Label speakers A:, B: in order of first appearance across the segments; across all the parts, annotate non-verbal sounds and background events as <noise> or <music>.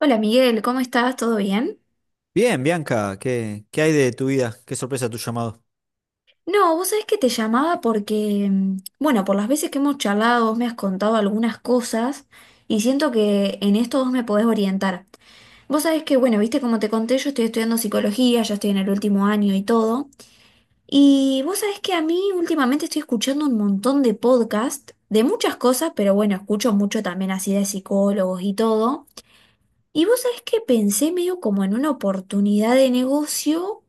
A: Hola Miguel, ¿cómo estás? ¿Todo bien?
B: Bien, Bianca, ¿qué hay de tu vida? ¿Qué sorpresa tu llamado?
A: No, vos sabés que te llamaba porque, bueno, por las veces que hemos charlado, vos me has contado algunas cosas y siento que en esto vos me podés orientar. Vos sabés que, bueno, viste como te conté, yo estoy estudiando psicología, ya estoy en el último año y todo. Y vos sabés que a mí últimamente estoy escuchando un montón de podcasts de muchas cosas, pero bueno, escucho mucho también así de psicólogos y todo. Y vos sabés que pensé medio como en una oportunidad de negocio,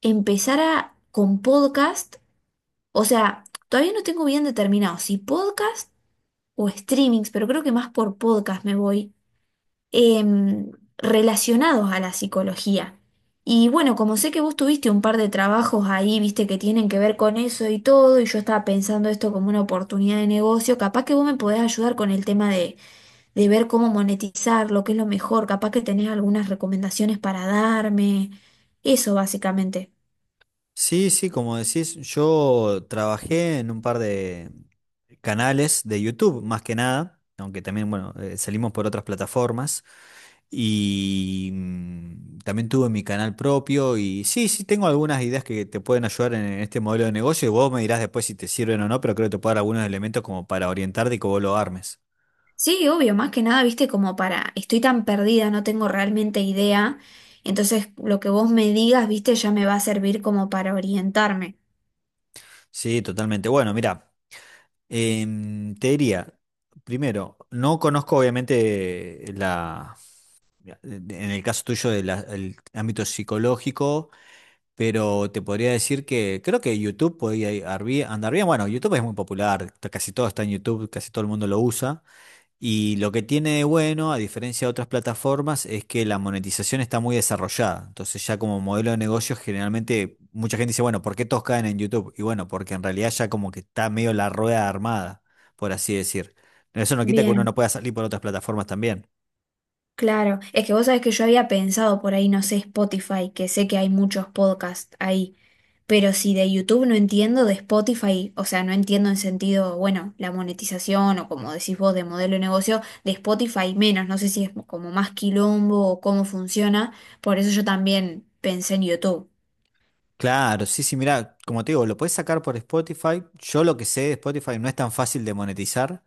A: empezar a, con podcast, o sea, todavía no tengo bien determinado si podcast o streamings, pero creo que más por podcast me voy, em, relacionados a la psicología. Y bueno, como sé que vos tuviste un par de trabajos ahí, viste, que tienen que ver con eso y todo, y yo estaba pensando esto como una oportunidad de negocio, capaz que vos me podés ayudar con el tema de ver cómo monetizar, lo que es lo mejor, capaz que tenés algunas recomendaciones para darme, eso básicamente.
B: Sí, sí, como decís, yo trabajé en un par de canales de YouTube, más que nada, aunque también, bueno, salimos por otras plataformas. Y también tuve mi canal propio y sí, sí, tengo algunas ideas que te pueden ayudar en este modelo de negocio y vos me dirás después si te sirven o no, pero creo que te puedo dar algunos elementos como para orientarte y que vos lo armes.
A: Sí, obvio, más que nada, viste, como para, estoy tan perdida, no tengo realmente idea, entonces lo que vos me digas, viste, ya me va a servir como para orientarme.
B: Sí, totalmente. Bueno, mira. Te diría, primero, no conozco obviamente en el caso tuyo del el ámbito psicológico, pero te podría decir que creo que YouTube podría andar bien. Bueno, YouTube es muy popular, casi todo está en YouTube, casi todo el mundo lo usa. Y lo que tiene de bueno, a diferencia de otras plataformas, es que la monetización está muy desarrollada. Entonces ya como modelo de negocios, generalmente mucha gente dice, bueno, ¿por qué todos caen en YouTube? Y bueno, porque en realidad ya como que está medio la rueda armada, por así decir. Eso no quita que uno no
A: Bien.
B: pueda salir por otras plataformas también.
A: Claro, es que vos sabés que yo había pensado por ahí, no sé, Spotify, que sé que hay muchos podcasts ahí, pero si de YouTube no entiendo, de Spotify, o sea, no entiendo en sentido, bueno, la monetización o como decís vos, de modelo de negocio, de Spotify menos, no sé si es como más quilombo o cómo funciona, por eso yo también pensé en YouTube.
B: Claro, sí, sí, mira, como te digo, lo puedes sacar por Spotify. Yo lo que sé de Spotify no es tan fácil de monetizar.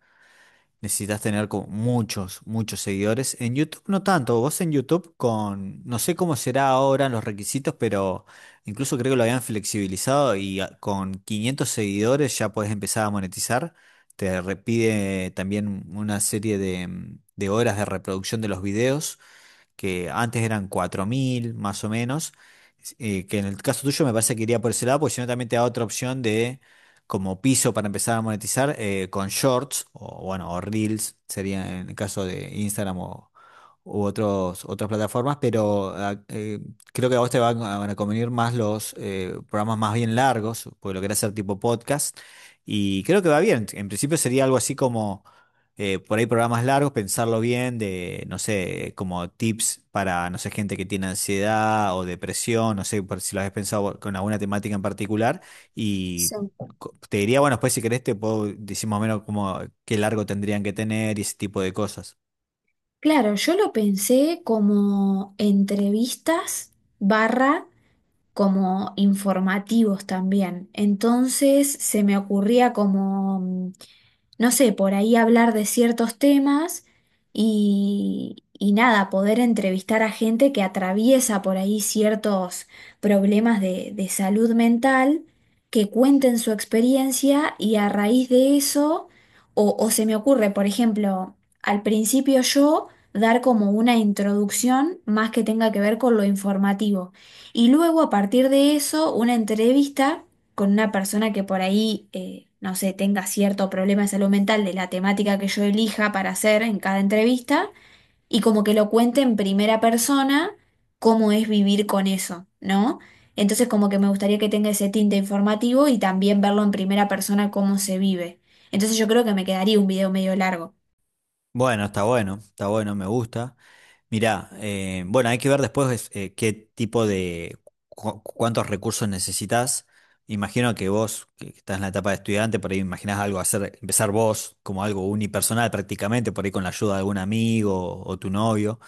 B: Necesitas tener como muchos, muchos seguidores. En YouTube no tanto. Vos en YouTube con, no sé cómo será ahora los requisitos, pero incluso creo que lo habían flexibilizado y con 500 seguidores ya podés empezar a monetizar. Te repide también una serie de horas de reproducción de los videos que antes eran 4.000 más o menos, que en el caso tuyo me parece que iría por ese lado, porque si no también te da otra opción de como piso para empezar a monetizar con shorts o bueno, o reels, sería en el caso de Instagram u otros, otras plataformas, pero creo que a vos te van a convenir más los programas más bien largos, porque lo querés hacer tipo podcast, y creo que va bien. En principio sería algo así como, por ahí programas largos, pensarlo bien, de, no sé, como tips para, no sé, gente que tiene ansiedad o depresión, no sé, por si lo has pensado con alguna temática en particular, y...
A: Sí.
B: Te diría, bueno, después si querés te puedo decir más o menos como qué largo tendrían que tener y ese tipo de cosas.
A: Claro, yo lo pensé como entrevistas barra como informativos también. Entonces se me ocurría como no sé, por ahí hablar de ciertos temas y nada, poder entrevistar a gente que atraviesa por ahí ciertos problemas de salud mental, que cuenten su experiencia y a raíz de eso, o se me ocurre, por ejemplo, al principio yo dar como una introducción más que tenga que ver con lo informativo y luego a partir de eso una entrevista con una persona que por ahí, no sé, tenga cierto problema de salud mental de la temática que yo elija para hacer en cada entrevista y como que lo cuente en primera persona cómo es vivir con eso, ¿no? Entonces como que me gustaría que tenga ese tinte informativo y también verlo en primera persona cómo se vive. Entonces yo creo que me quedaría un video medio largo.
B: Bueno, está bueno, está bueno, me gusta. Mirá, bueno, hay que ver después qué tipo de, cuántos recursos necesitas. Imagino que vos, que estás en la etapa de estudiante, por ahí imaginás algo hacer, empezar vos como algo unipersonal prácticamente, por ahí con la ayuda de algún amigo o tu novio.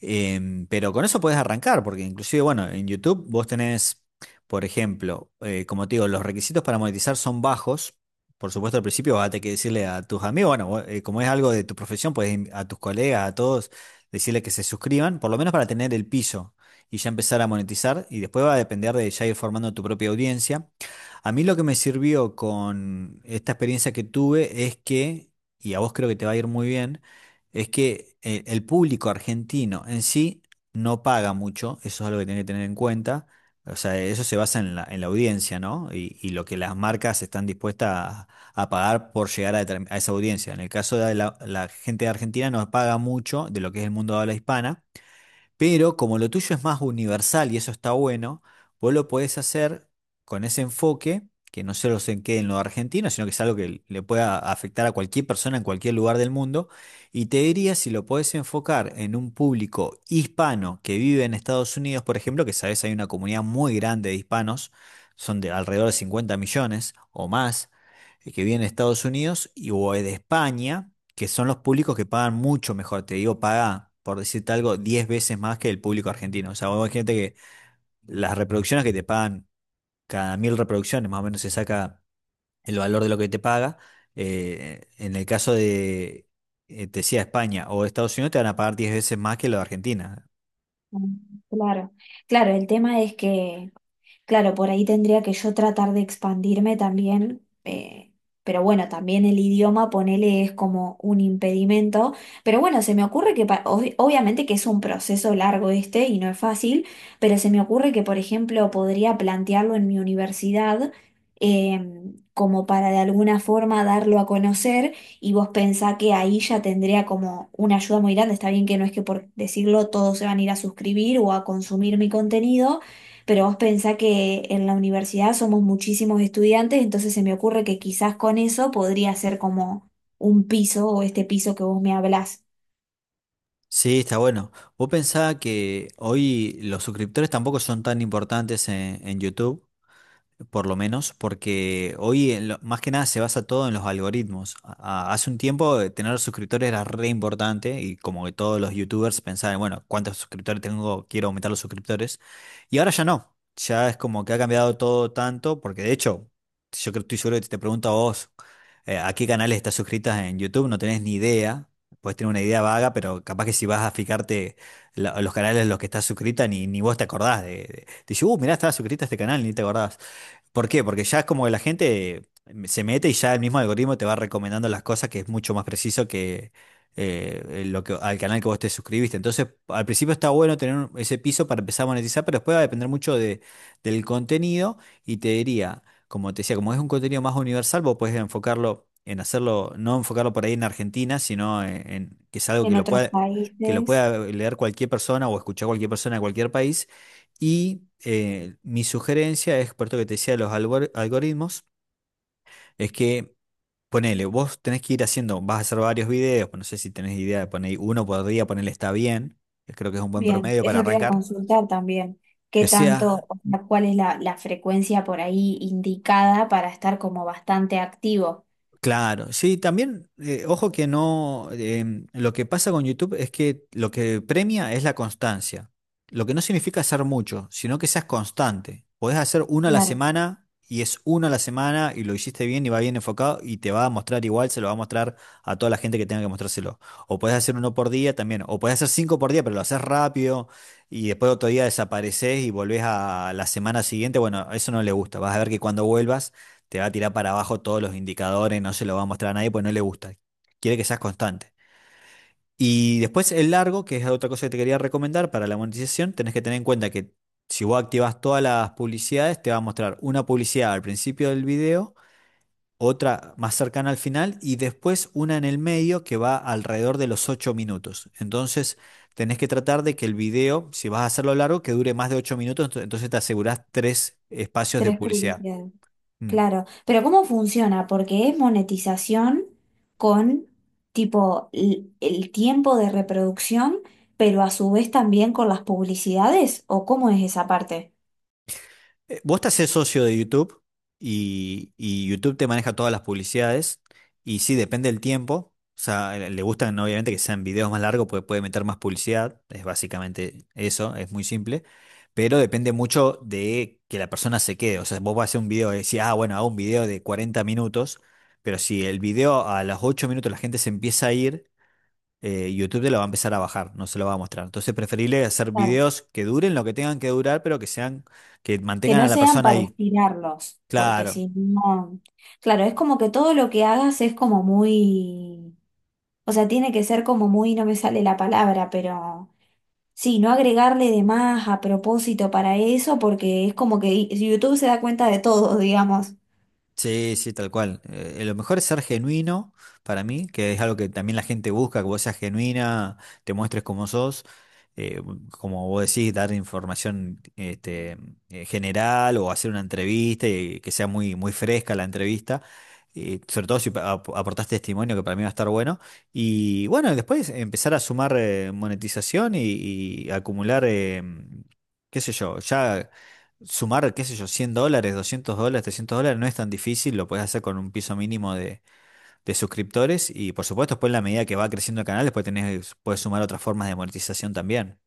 B: Pero con eso puedes arrancar, porque inclusive, bueno, en YouTube vos tenés, por ejemplo, como te digo, los requisitos para monetizar son bajos. Por supuesto, al principio vas a tener que decirle a tus amigos, bueno, vos, como es algo de tu profesión, puedes a tus colegas, a todos, decirle que se suscriban, por lo menos para tener el piso y ya empezar a monetizar. Y después va a depender de ya ir formando tu propia audiencia. A mí lo que me sirvió con esta experiencia que tuve es que, y a vos creo que te va a ir muy bien, es que el público argentino en sí no paga mucho, eso es algo que tiene que tener en cuenta, o sea, eso se basa en la audiencia, ¿no? Y lo que las marcas están dispuestas a pagar por llegar a esa audiencia. En el caso de la gente de Argentina no paga mucho de lo que es el mundo de habla hispana. Pero como lo tuyo es más universal y eso está bueno, vos lo podés hacer con ese enfoque, que no solo se quede en lo argentino, sino que es algo que le pueda afectar a cualquier persona en cualquier lugar del mundo. Y te diría si lo podés enfocar en un público hispano que vive en Estados Unidos, por ejemplo, que sabés hay una comunidad muy grande de hispanos, son de alrededor de 50 millones o más, que viven en Estados Unidos o de España que son los públicos que pagan mucho mejor. Te digo, paga, por decirte algo, 10 veces más que el público argentino. O sea, vos gente que las reproducciones que te pagan, cada 1.000 reproducciones más o menos se saca el valor de lo que te paga. En el caso de, te decía, España o Estados Unidos, te van a pagar 10 veces más que lo de Argentina.
A: Mm, claro, claro, el tema es que claro, por ahí tendría que yo tratar de expandirme también, pero bueno, también el idioma, ponele, es como un impedimento, pero bueno, se me ocurre que, obviamente que es un proceso largo este y no es fácil, pero se me ocurre que, por ejemplo, podría plantearlo en mi universidad, como para de alguna forma darlo a conocer y vos pensá que ahí ya tendría como una ayuda muy grande, está bien que no es que por decirlo todos se van a ir a suscribir o a consumir mi contenido pero vos pensá que en la universidad somos muchísimos estudiantes, entonces se me ocurre que quizás con eso podría ser como un piso o este piso que vos me hablás
B: Sí, está bueno. Vos pensás que hoy los suscriptores tampoco son tan importantes en YouTube. Por lo menos, porque hoy en más que nada se basa todo en los algoritmos. Hace un tiempo tener suscriptores era re importante y como que todos los youtubers pensaban, bueno, ¿cuántos suscriptores tengo? Quiero aumentar los suscriptores. Y ahora ya no. Ya es como que ha cambiado todo tanto, porque de hecho, yo creo, estoy seguro que te pregunto a vos, ¿a qué canales estás suscritas en YouTube? No tenés ni idea. Puedes tener una idea vaga, pero capaz que si vas a fijarte los canales en los que estás suscrita, ni vos te acordás te dice, mirá, estaba suscrita a este canal, ni te acordás. ¿Por qué? Porque ya es como que la gente se mete y ya el mismo algoritmo te va recomendando las cosas que es mucho más preciso que lo que al canal que vos te suscribiste. Entonces, al principio está bueno tener ese piso para empezar a monetizar, pero después va a depender mucho del contenido y te diría, como te decía, como es un contenido más universal, vos podés enfocarlo en hacerlo, no enfocarlo por ahí en Argentina, sino en que es algo que
A: en
B: lo
A: otros
B: pueda
A: países.
B: leer cualquier persona o escuchar cualquier persona de cualquier país y mi sugerencia es, por esto que te decía, de los algoritmos, es que ponele, vos tenés que ir haciendo, vas a hacer varios videos, pues no sé si tenés idea de poner uno por día, ponerle está bien, que creo que es un buen
A: Bien,
B: promedio para
A: eso te iba a
B: arrancar,
A: consultar también.
B: que
A: ¿Qué
B: sea
A: tanto, o sea, cuál es la frecuencia por ahí indicada para estar como bastante activo?
B: Claro, sí, también, ojo que no, lo que pasa con YouTube es que lo que premia es la constancia, lo que no significa hacer mucho, sino que seas constante. Podés hacer uno a la
A: Claro,
B: semana y es uno a la semana y lo hiciste bien y va bien enfocado y te va a mostrar igual, se lo va a mostrar a toda la gente que tenga que mostrárselo. O podés hacer uno por día también, o podés hacer cinco por día, pero lo haces rápido y después otro día desapareces y volvés a la semana siguiente. Bueno, eso no le gusta, vas a ver que cuando vuelvas te va a tirar para abajo todos los indicadores, no se lo va a mostrar a nadie, pues no le gusta. Quiere que seas constante. Y después el largo, que es otra cosa que te quería recomendar para la monetización, tenés que tener en cuenta que si vos activas todas las publicidades, te va a mostrar una publicidad al principio del video, otra más cercana al final y después una en el medio que va alrededor de los 8 minutos. Entonces tenés que tratar de que el video, si vas a hacerlo largo, que dure más de 8 minutos, entonces te asegurás tres espacios de
A: tres
B: publicidad.
A: publicidades.
B: Mm.
A: Claro, pero ¿cómo funciona? Porque es monetización con tipo el, tiempo de reproducción, pero a su vez también con las publicidades, ¿o cómo es esa parte?
B: Vos te haces socio de YouTube y YouTube te maneja todas las publicidades y sí, depende del tiempo. O sea, le gustan, ¿no? Obviamente que sean videos más largos porque puede meter más publicidad. Es básicamente eso, es muy simple. Pero depende mucho de que la persona se quede. O sea, vos vas a hacer un video y decís, ah, bueno, hago un video de 40 minutos. Pero si el video a los 8 minutos la gente se empieza a ir, YouTube te lo va a empezar a bajar, no se lo va a mostrar. Entonces, preferible hacer
A: Claro.
B: videos que duren lo que tengan que durar, pero que
A: Que
B: mantengan a
A: no
B: la
A: sean
B: persona
A: para
B: ahí.
A: estirarlos, porque
B: Claro,
A: si no... Claro, es como que todo lo que hagas es como muy... O sea, tiene que ser como muy, no me sale la palabra, pero... Sí, no agregarle de más a propósito para eso, porque es como que YouTube se da cuenta de todo, <laughs> digamos.
B: sí, sí, tal cual. Lo mejor es ser genuino para mí, que es algo que también la gente busca, que vos seas genuina, te muestres como sos, eh, como vos decís, dar información general o hacer una entrevista y que sea muy, muy fresca la entrevista, sobre todo si aportás testimonio, que para mí va a estar bueno. Y bueno, después empezar a sumar monetización y acumular, qué sé yo, ya... Sumar, qué sé yo, $100, $200, $300 no es tan difícil, lo puedes hacer con un piso mínimo de suscriptores y por supuesto después en la medida que va creciendo el canal, después tenés, puedes sumar otras formas de monetización también.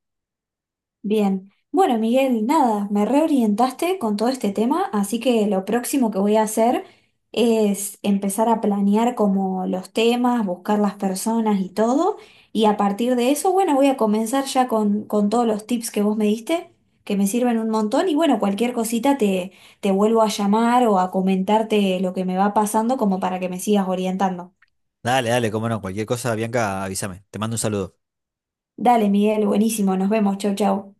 A: Bien, bueno Miguel, nada, me reorientaste con todo este tema, así que lo próximo que voy a hacer es empezar a planear como los temas, buscar las personas y todo, y a partir de eso, bueno, voy a comenzar ya con todos los tips que vos me diste, que me sirven un montón, y bueno, cualquier cosita te vuelvo a llamar o a comentarte lo que me va pasando como para que me sigas orientando.
B: Dale, dale, cómo no, cualquier cosa, Bianca, avísame. Te mando un saludo.
A: Dale Miguel, buenísimo, nos vemos, chau chau.